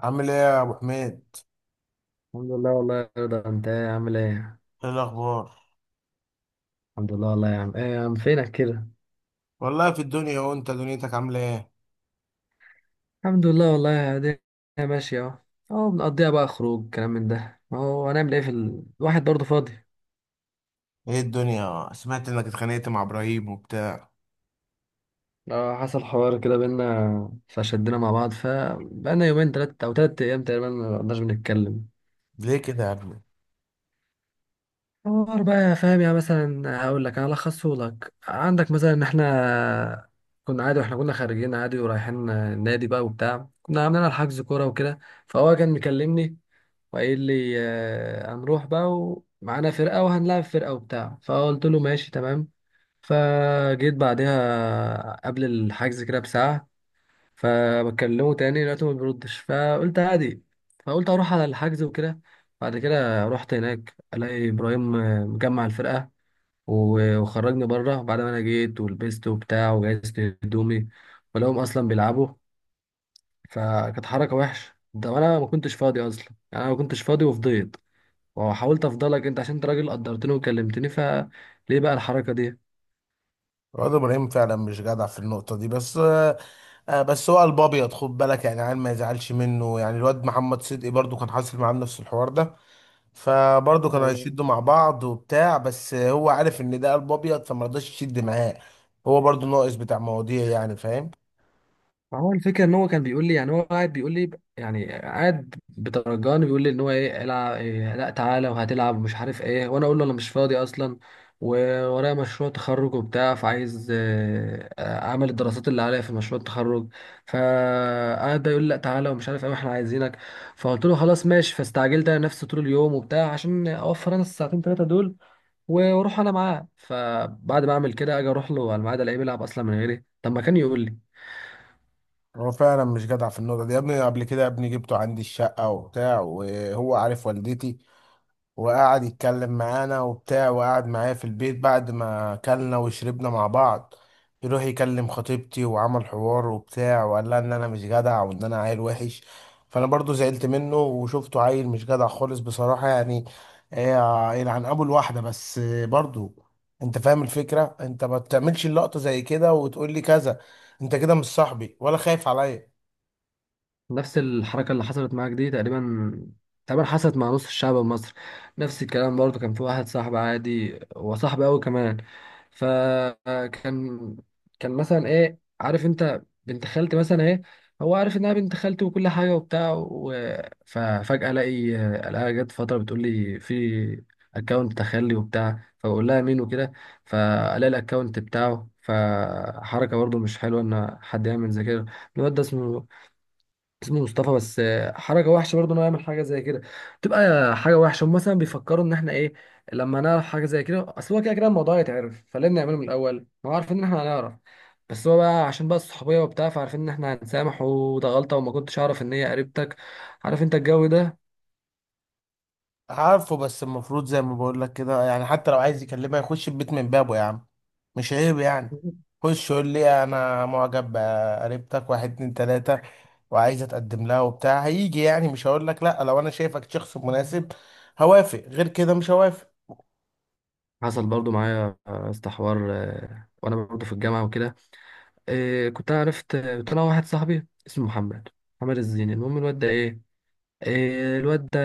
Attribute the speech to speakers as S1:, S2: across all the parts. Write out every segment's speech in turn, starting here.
S1: عامل ايه يا ابو حميد؟
S2: الحمد لله والله يا رضا، انت ايه عامل ايه؟
S1: ايه الاخبار؟
S2: الحمد لله والله يا عم. ايه يا عم فينك كده؟
S1: والله في الدنيا، وانت دنيتك عامله ايه؟
S2: الحمد لله والله الدنيا ماشية اهو. اهو بنقضيها بقى، خروج كلام من ده، ما هو هنعمل ايه في ال... الواحد برضه فاضي.
S1: ايه الدنيا، سمعت انك اتخانقت مع ابراهيم وبتاع.
S2: اه حصل حوار كده بينا فشدنا مع بعض، فبقالنا يومين تلات او تلات ايام تقريبا ما قعدناش بنتكلم.
S1: ليه كده يا ابني؟
S2: حوار بقى، يا فاهم يعني؟ مثلا هقول لك، هلخصه لك، عندك مثلا ان احنا كنا عادي، واحنا كنا خارجين عادي ورايحين النادي بقى وبتاع، كنا عاملين على حجز كورة وكده. فهو كان مكلمني وقايل لي هنروح بقى ومعانا فرقة وهنلعب فرقة وبتاع، فقلت له ماشي تمام. فجيت بعدها قبل الحجز كده بساعة، فبكلمه تاني لقيته ما بيردش، فقلت عادي. فقلت أروح على الحجز وكده. بعد كده رحت هناك، ألاقي إبراهيم مجمع الفرقة و- وخرجني بره بعد ما أنا جيت ولبست وبتاع وجهزت هدومي، ولقوهم أصلا بيلعبوا. فكانت حركة وحشة، ده أنا ما كنتش فاضي أصلا. يعني أنا ما كنتش فاضي وفضيت، وحاولت افضلك انت عشان انت راجل قدرتني وكلمتني، فليه بقى الحركه دي؟
S1: الواد ابراهيم فعلا مش جدع في النقطه دي، بس بس هو قلب ابيض، خد بالك، يعني عيل ما يزعلش منه. يعني الواد محمد صدقي برضو كان حاصل معاه نفس الحوار ده، فبرضه كانوا
S2: آه.
S1: هيشدوا مع بعض وبتاع، بس هو عارف ان ده قلب ابيض فما رضاش يشد معاه. هو برضه ناقص بتاع مواضيع، يعني فاهم.
S2: هو الفكره ان هو كان بيقول لي، يعني هو قاعد بيقول لي، يعني قاعد بترجاني، بيقول لي ان هو ايه، العب إيه، لا تعالى وهتلعب ومش عارف ايه، وانا اقول له انا مش فاضي اصلا وورايا مشروع تخرج وبتاع، فعايز اعمل الدراسات اللي عليا في مشروع التخرج. فقعد بقى يقول لي لا تعالى ومش عارف ايه واحنا عايزينك، فقلت له خلاص ماشي. فاستعجلت انا نفسي طول اليوم وبتاع عشان اوفر انا الساعتين ثلاثه دول واروح انا معاه، فبعد ما اعمل كده اجي اروح له على الميعاد الاقيه بيلعب اصلا من غيري. طب ما كان يقول لي.
S1: هو فعلا مش جدع في النقطة دي يا ابني. قبل كده يا ابني جبته عندي الشقة وبتاع، وهو عارف والدتي، وقعد يتكلم معانا وبتاع، وقعد معايا في البيت، بعد ما أكلنا وشربنا مع بعض يروح يكلم خطيبتي وعمل حوار وبتاع، وقال لها إن أنا مش جدع وإن أنا عيل وحش. فأنا برضو زعلت منه وشفته عيل مش جدع خالص بصراحة، يعني يلعن أبو الواحدة، بس برضو أنت فاهم الفكرة. أنت ما بتعملش اللقطة زي كده وتقول لي كذا. أنت كده مش صاحبي ولا خايف عليا.
S2: نفس الحركة اللي حصلت معاك دي تقريبا، تقريبا حصلت مع نص الشعب المصري. نفس الكلام برضه، كان في واحد صاحب عادي وصاحبي قوي كمان، فكان كان مثلا ايه، عارف انت بنت خالتي مثلا ايه، هو عارف انها بنت خالتي وكل حاجة وبتاع و... ففجأة الاقي، الاقيها جت فترة بتقول لي في اكونت تخلي وبتاع، فبقول لها مين وكده، فالاقي الاكونت بتاعه. فحركة برضه مش حلوة ان حد يعمل زي كده. الواد ده اسمه اسمه مصطفى، بس حركه وحشه برضه انه يعمل حاجه زي كده. تبقى حاجه وحشه، هم مثلا بيفكروا ان احنا ايه لما نعرف حاجه زي كده؟ اصل هو كده كده الموضوع يتعرف، فليه بنعمله من الاول ما هو عارفين ان احنا هنعرف؟ بس هو بقى عشان بقى الصحوبيه وبتاع فعارفين ان احنا هنسامح، وده غلطه، وما كنتش اعرف ان هي قريبتك. عارف انت الجو ده؟
S1: عارفه، بس المفروض زي ما بقول لك كده، يعني حتى لو عايز يكلمها يخش البيت من بابه يا عم. مش عيب يعني؟ خش يقول لي انا معجب بقريبتك، واحد اتنين تلاته، وعايز اتقدم لها وبتاع. هيجي يعني مش هقول لك لا؟ لو انا شايفك شخص مناسب هوافق، غير كده مش هوافق.
S2: حصل برضو معايا يا اسطى حوار وانا برضو في الجامعه وكده. كنت أنا عرفت، كنت انا واحد صاحبي اسمه محمد، محمد الزيني. المهم الواد ده ايه، الواد ده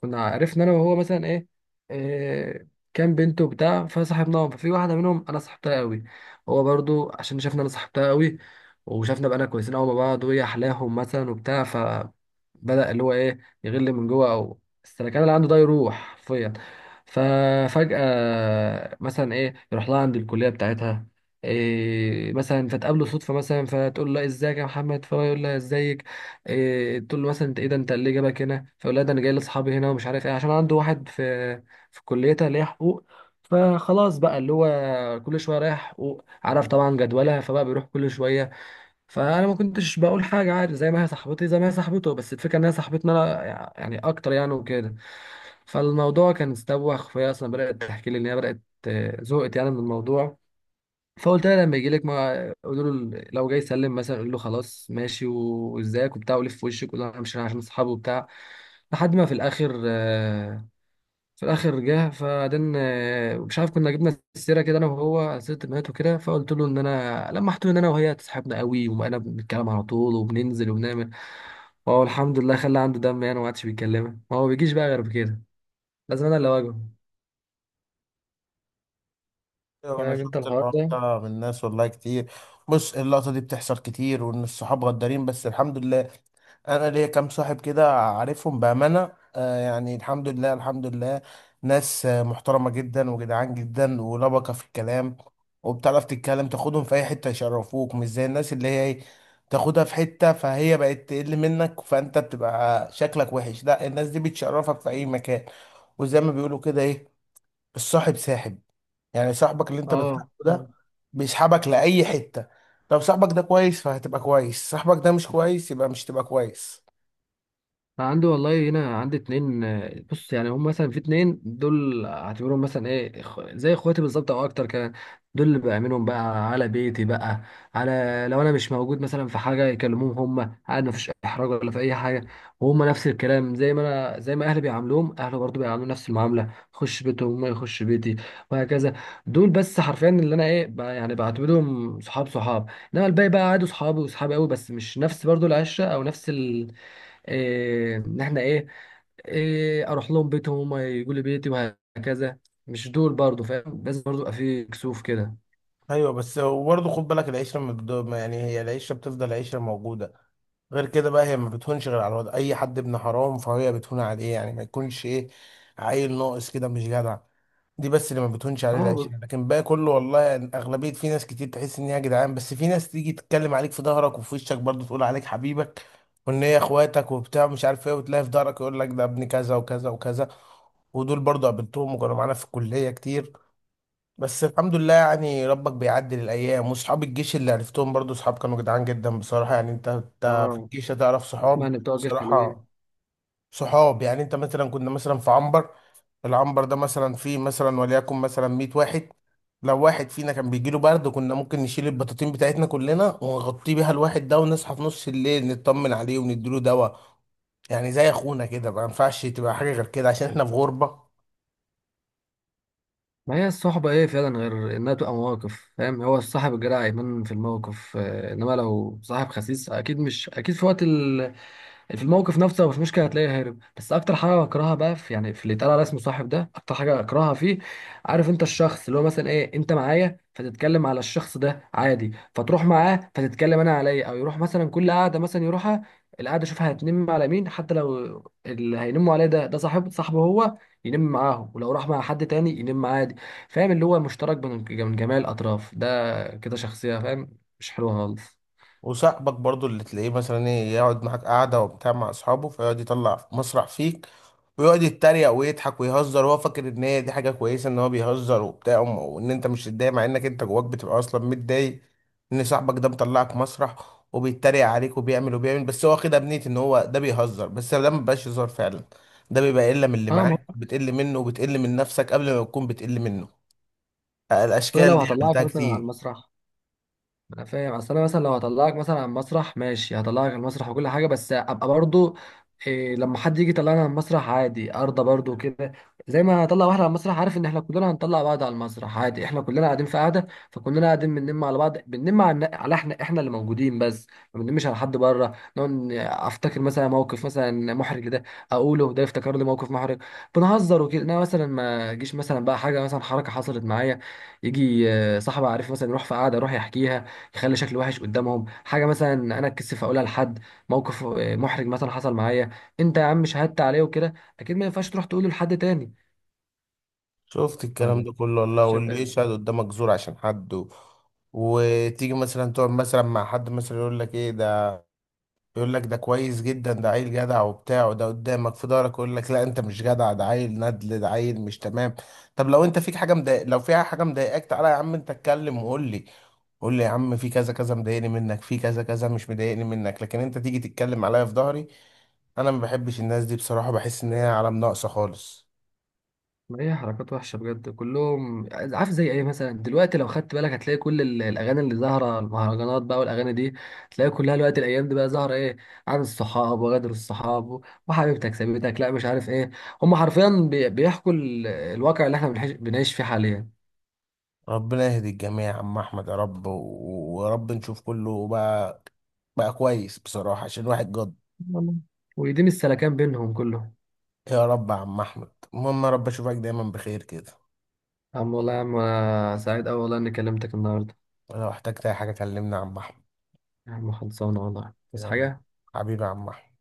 S2: كنا عرفنا انا وهو مثلا ايه, إيه كان بنته بتاع، فصاحبناهم. ففي واحده منهم انا صاحبتها قوي، هو برضو عشان شافنا انا صاحبتها قوي وشافنا بقى كويسين قوي مع بعض وهي احلاهم مثلا وبتاع، فبدا اللي هو ايه، يغل من جوه او السلكان اللي عنده ده يروح حرفيا. ففجاه مثلا ايه يروح لها عند الكليه بتاعتها إيه مثلا، فتقابله صدفه مثلا، فتقول له ازيك يا محمد، فهو يقول لها ازيك إيه، تقول له مثلا انت ايه ده، انت اللي جابك هنا؟ فيقول لها ده انا جاي لاصحابي هنا ومش عارف ايه، عشان عنده واحد في في كليتها اللي هي حقوق. فخلاص بقى اللي هو كل شويه رايح حقوق، عارف طبعا جدولها، فبقى بيروح كل شويه. فانا ما كنتش بقول حاجه عادي، زي ما هي صاحبتي زي ما هي صاحبته، بس الفكره ان هي صاحبتنا انا يعني اكتر يعني وكده. فالموضوع كان استوخ، فهي اصلا بدات تحكي لي ان هي بدات زهقت يعني من الموضوع. فقلت لها لما يجي لك ما قولوا له، لو جاي يسلم مثلا قول له خلاص ماشي و- وازيك وبتاع ولف في وشك، قول له انا مش رايح عشان اصحابه وبتاع. لحد ما في الاخر في الاخر جه. فبعدين مش عارف كنا جبنا السيره كده انا وهو، سيره البنات وكده، فقلت له ان انا لمحت له ان انا وهي تصاحبنا قوي وانا بنتكلم على طول وبننزل وبنعمل. وهو الحمد لله خلى عنده دم يعني وما عادش بيتكلمها، ما هو بيجيش بقى غير بكده، لازم انا اللي اواجهه.
S1: ايوه، انا
S2: فاهم انت
S1: شفت
S2: الحوار
S1: الحوار
S2: ده؟
S1: ده من ناس والله كتير. بص، اللقطه دي بتحصل كتير، وان الصحاب غدارين، بس الحمد لله انا ليا كام صاحب كده عارفهم بامانه، آه يعني، الحمد لله الحمد لله. ناس محترمه جدا وجدعان جدا ولبقه في الكلام، وبتعرف تتكلم، تاخدهم في اي حته يشرفوك، مش زي الناس اللي هي تاخدها في حته فهي بقت تقل منك، فانت بتبقى شكلك وحش. لا، الناس دي بتشرفك في اي مكان. وزي ما بيقولوا كده ايه، الصاحب ساحب، يعني صاحبك اللي انت
S2: اه.
S1: بتصاحبه ده بيسحبك لأي حتة. لو صاحبك ده كويس فهتبقى كويس، صاحبك ده مش كويس يبقى مش تبقى كويس.
S2: أنا عندي والله، هنا عندي اتنين، بص، يعني هم مثلا في اتنين دول اعتبرهم مثلا ايه زي اخواتي بالظبط او اكتر كمان. دول اللي بأمنهم بقى على بيتي، بقى على، لو انا مش موجود مثلا في حاجة يكلموهم هم، عاد مفيش احراج ولا في اي حاجة. وهم نفس الكلام زي ما انا، زي ما اهلي بيعاملوهم اهله برضو بيعاملوا نفس المعاملة، خش بيتهم ما يخش بيتي وهكذا. دول بس حرفيا اللي انا ايه يعني بعتبرهم صحاب صحاب. انما الباقي بقى عادوا صحابي وصحابي قوي، بس مش نفس برضو العشرة او نفس إيه، ان احنا ايه, إيه اروح لهم بيتهم هم يقولوا لي بيتي وهكذا. مش دول برضو، فاهم؟ لازم برضو يبقى في كسوف كده.
S1: ايوه، بس برضه خد بالك، العشرة من الدوم، يعني هي العشرة بتفضل عشرة موجودة. غير كده بقى هي ما بتهونش غير على الواد اي حد ابن حرام، فهي بتهون عليه، يعني ما يكونش ايه، عيل ناقص كده مش جدع. دي بس اللي ما بتهونش عليه العيش
S2: اه.
S1: يعني. لكن بقى كله والله اغلبيه، في ناس كتير تحس ان هي يا جدعان، بس في ناس تيجي تتكلم عليك في ظهرك وفي وشك، برضه تقول عليك حبيبك وان هي اخواتك وبتاع، مش عارف ايه، وتلاقي في ظهرك يقول لك ده ابن كذا وكذا وكذا. ودول برضه قابلتهم وكانوا معانا في الكليه كتير، بس الحمد لله يعني، ربك بيعدل الايام. وصحاب الجيش اللي عرفتهم برضو صحاب كانوا جدعان جدا بصراحه، يعني انت انت في
S2: اه.
S1: الجيش هتعرف
S2: اسمع
S1: صحاب
S2: ان بتوع الجيش حلوين.
S1: بصراحه. صحاب يعني، انت مثلا كنا مثلا في عنبر، العنبر ده مثلا فيه مثلا وليكن مثلا 100 واحد، لو واحد فينا كان بيجيله برد كنا ممكن نشيل البطاطين بتاعتنا كلنا ونغطيه بيها الواحد ده، ونصحى في نص الليل نطمن عليه ونديله دواء، يعني زي اخونا كده. ما ينفعش تبقى حاجه غير كده، عشان احنا في غربه.
S2: ما هي الصحبة ايه فعلا غير انها تبقى مواقف؟ فاهم؟ هو الصاحب الجدع يبان في الموقف انما لو صاحب خسيس اكيد، مش اكيد، في وقت، في الموقف نفسه مش مشكله هتلاقيه هارب. بس اكتر حاجه بكرهها بقى في يعني، في اللي اتقال على اسمه صاحب ده، اكتر حاجه اكرهها فيه، عارف انت الشخص اللي هو مثلا ايه، انت معايا فتتكلم على الشخص ده عادي، فتروح معاه فتتكلم انا عليا، او يروح مثلا كل قعده مثلا يروحها القعده، شوفها هتنم على مين؟ حتى لو اللي هينموا عليه ده ده صاحب صاحبه هو، ينم معاهم، ولو راح مع حد تاني ينم عادي. فاهم اللي هو مشترك بين من جميع الاطراف ده؟ كده شخصيه فاهم مش حلوه خالص.
S1: وصاحبك برضو اللي تلاقيه مثلا ايه يقعد معاك قعدة وبتاع مع اصحابه، فيقعد يطلع مسرح فيك ويقعد يتريق ويضحك ويهزر، وهو فاكر ان هي دي حاجة كويسة، ان هو بيهزر وبتاع، وان انت مش متضايق، مع انك انت جواك بتبقى اصلا متضايق ان صاحبك ده مطلعك مسرح وبيتريق عليك وبيعمل وبيعمل. بس هو واخدها بنية ان هو ده بيهزر، بس ده مبيبقاش هزار فعلا، ده بيبقى قلة من اللي
S2: اه، ما
S1: معاك
S2: هو
S1: بتقل منه، وبتقل من نفسك قبل ما تكون بتقل منه.
S2: أصل انا
S1: الاشكال
S2: لو
S1: دي
S2: هطلعك
S1: عملتها
S2: مثلا على
S1: كتير.
S2: المسرح، انا فاهم، اصل انا مثلا لو هطلعك مثلا على المسرح ماشي، هطلعك على المسرح وكل حاجه، بس ابقى برضو إيه لما حد يجي يطلعنا على المسرح عادي ارضى برضو كده. زي ما هطلع واحد على المسرح عارف ان احنا كلنا هنطلع بعض على المسرح، عادي احنا كلنا قاعدين في قعده، فكلنا قاعدين بننم على بعض، بننم على على احنا، احنا اللي موجودين بس، ما بننمش على حد بره. نقعد افتكر مثلا موقف مثلا محرج ده، اقوله ده يفتكر لي موقف محرج، بنهزر وكده. انا مثلا ما اجيش مثلا بقى حاجه مثلا حركه حصلت معايا، يجي صاحبي عارف مثلا يروح في قعده يروح يحكيها، يخلي شكلي وحش قدامهم. حاجه مثلا انا اتكسف اقولها لحد، موقف محرج مثلا حصل معايا، انت يا عم شهدت عليه وكده، اكيد ما ينفعش تروح تقوله لحد تاني.
S1: شفت الكلام
S2: ولا
S1: ده كله والله،
S2: شايف
S1: واللي
S2: ايه؟
S1: يشهد قدامك زور عشان حد وتيجي مثلا تقعد مثلا مع حد مثلا يقول لك ايه ده، يقول لك ده كويس جدا ده عيل جدع وبتاع، وده قدامك في ظهرك يقول لك لا، انت مش جدع، ده عيل ندل، ده عيل مش تمام. طب لو انت فيك حاجه مضايق، لو فيها حاجه مضايقاك، تعالى يا عم انت اتكلم وقول لي، قول لي يا عم في كذا كذا مضايقني منك، في كذا كذا مش مضايقني منك، لكن انت تيجي تتكلم عليا في ظهري، انا ما بحبش الناس دي بصراحه، بحس ان هي علم ناقصه خالص.
S2: ما هي حركات وحشه بجد كلهم. عارف زي ايه مثلا؟ دلوقتي لو خدت بالك هتلاقي كل الاغاني اللي ظاهره المهرجانات بقى والاغاني دي، تلاقي كلها الوقت الايام دي بقى ظاهره ايه؟ عن الصحاب وغدر الصحاب وحبيبتك سابتك لا مش عارف ايه، هم حرفيا بيحكوا الواقع اللي احنا بنعيش فيه حاليا.
S1: ربنا يهدي الجميع يا عم احمد يا رب، ويا رب نشوف كله بقى، بقى كويس بصراحة، عشان الواحد جد.
S2: والله. ودي مش سلكان بينهم كلهم؟
S1: يا رب يا عم احمد، المهم يا رب اشوفك دايما بخير كده،
S2: عم والله يا عم، أنا سعيد أوي والله إني كلمتك النهاردة.
S1: ولو احتجت اي حاجة كلمني يا عم احمد.
S2: يا عم خلصانة والله، بس
S1: يلا،
S2: حاجة.
S1: حبيبي يا عم احمد.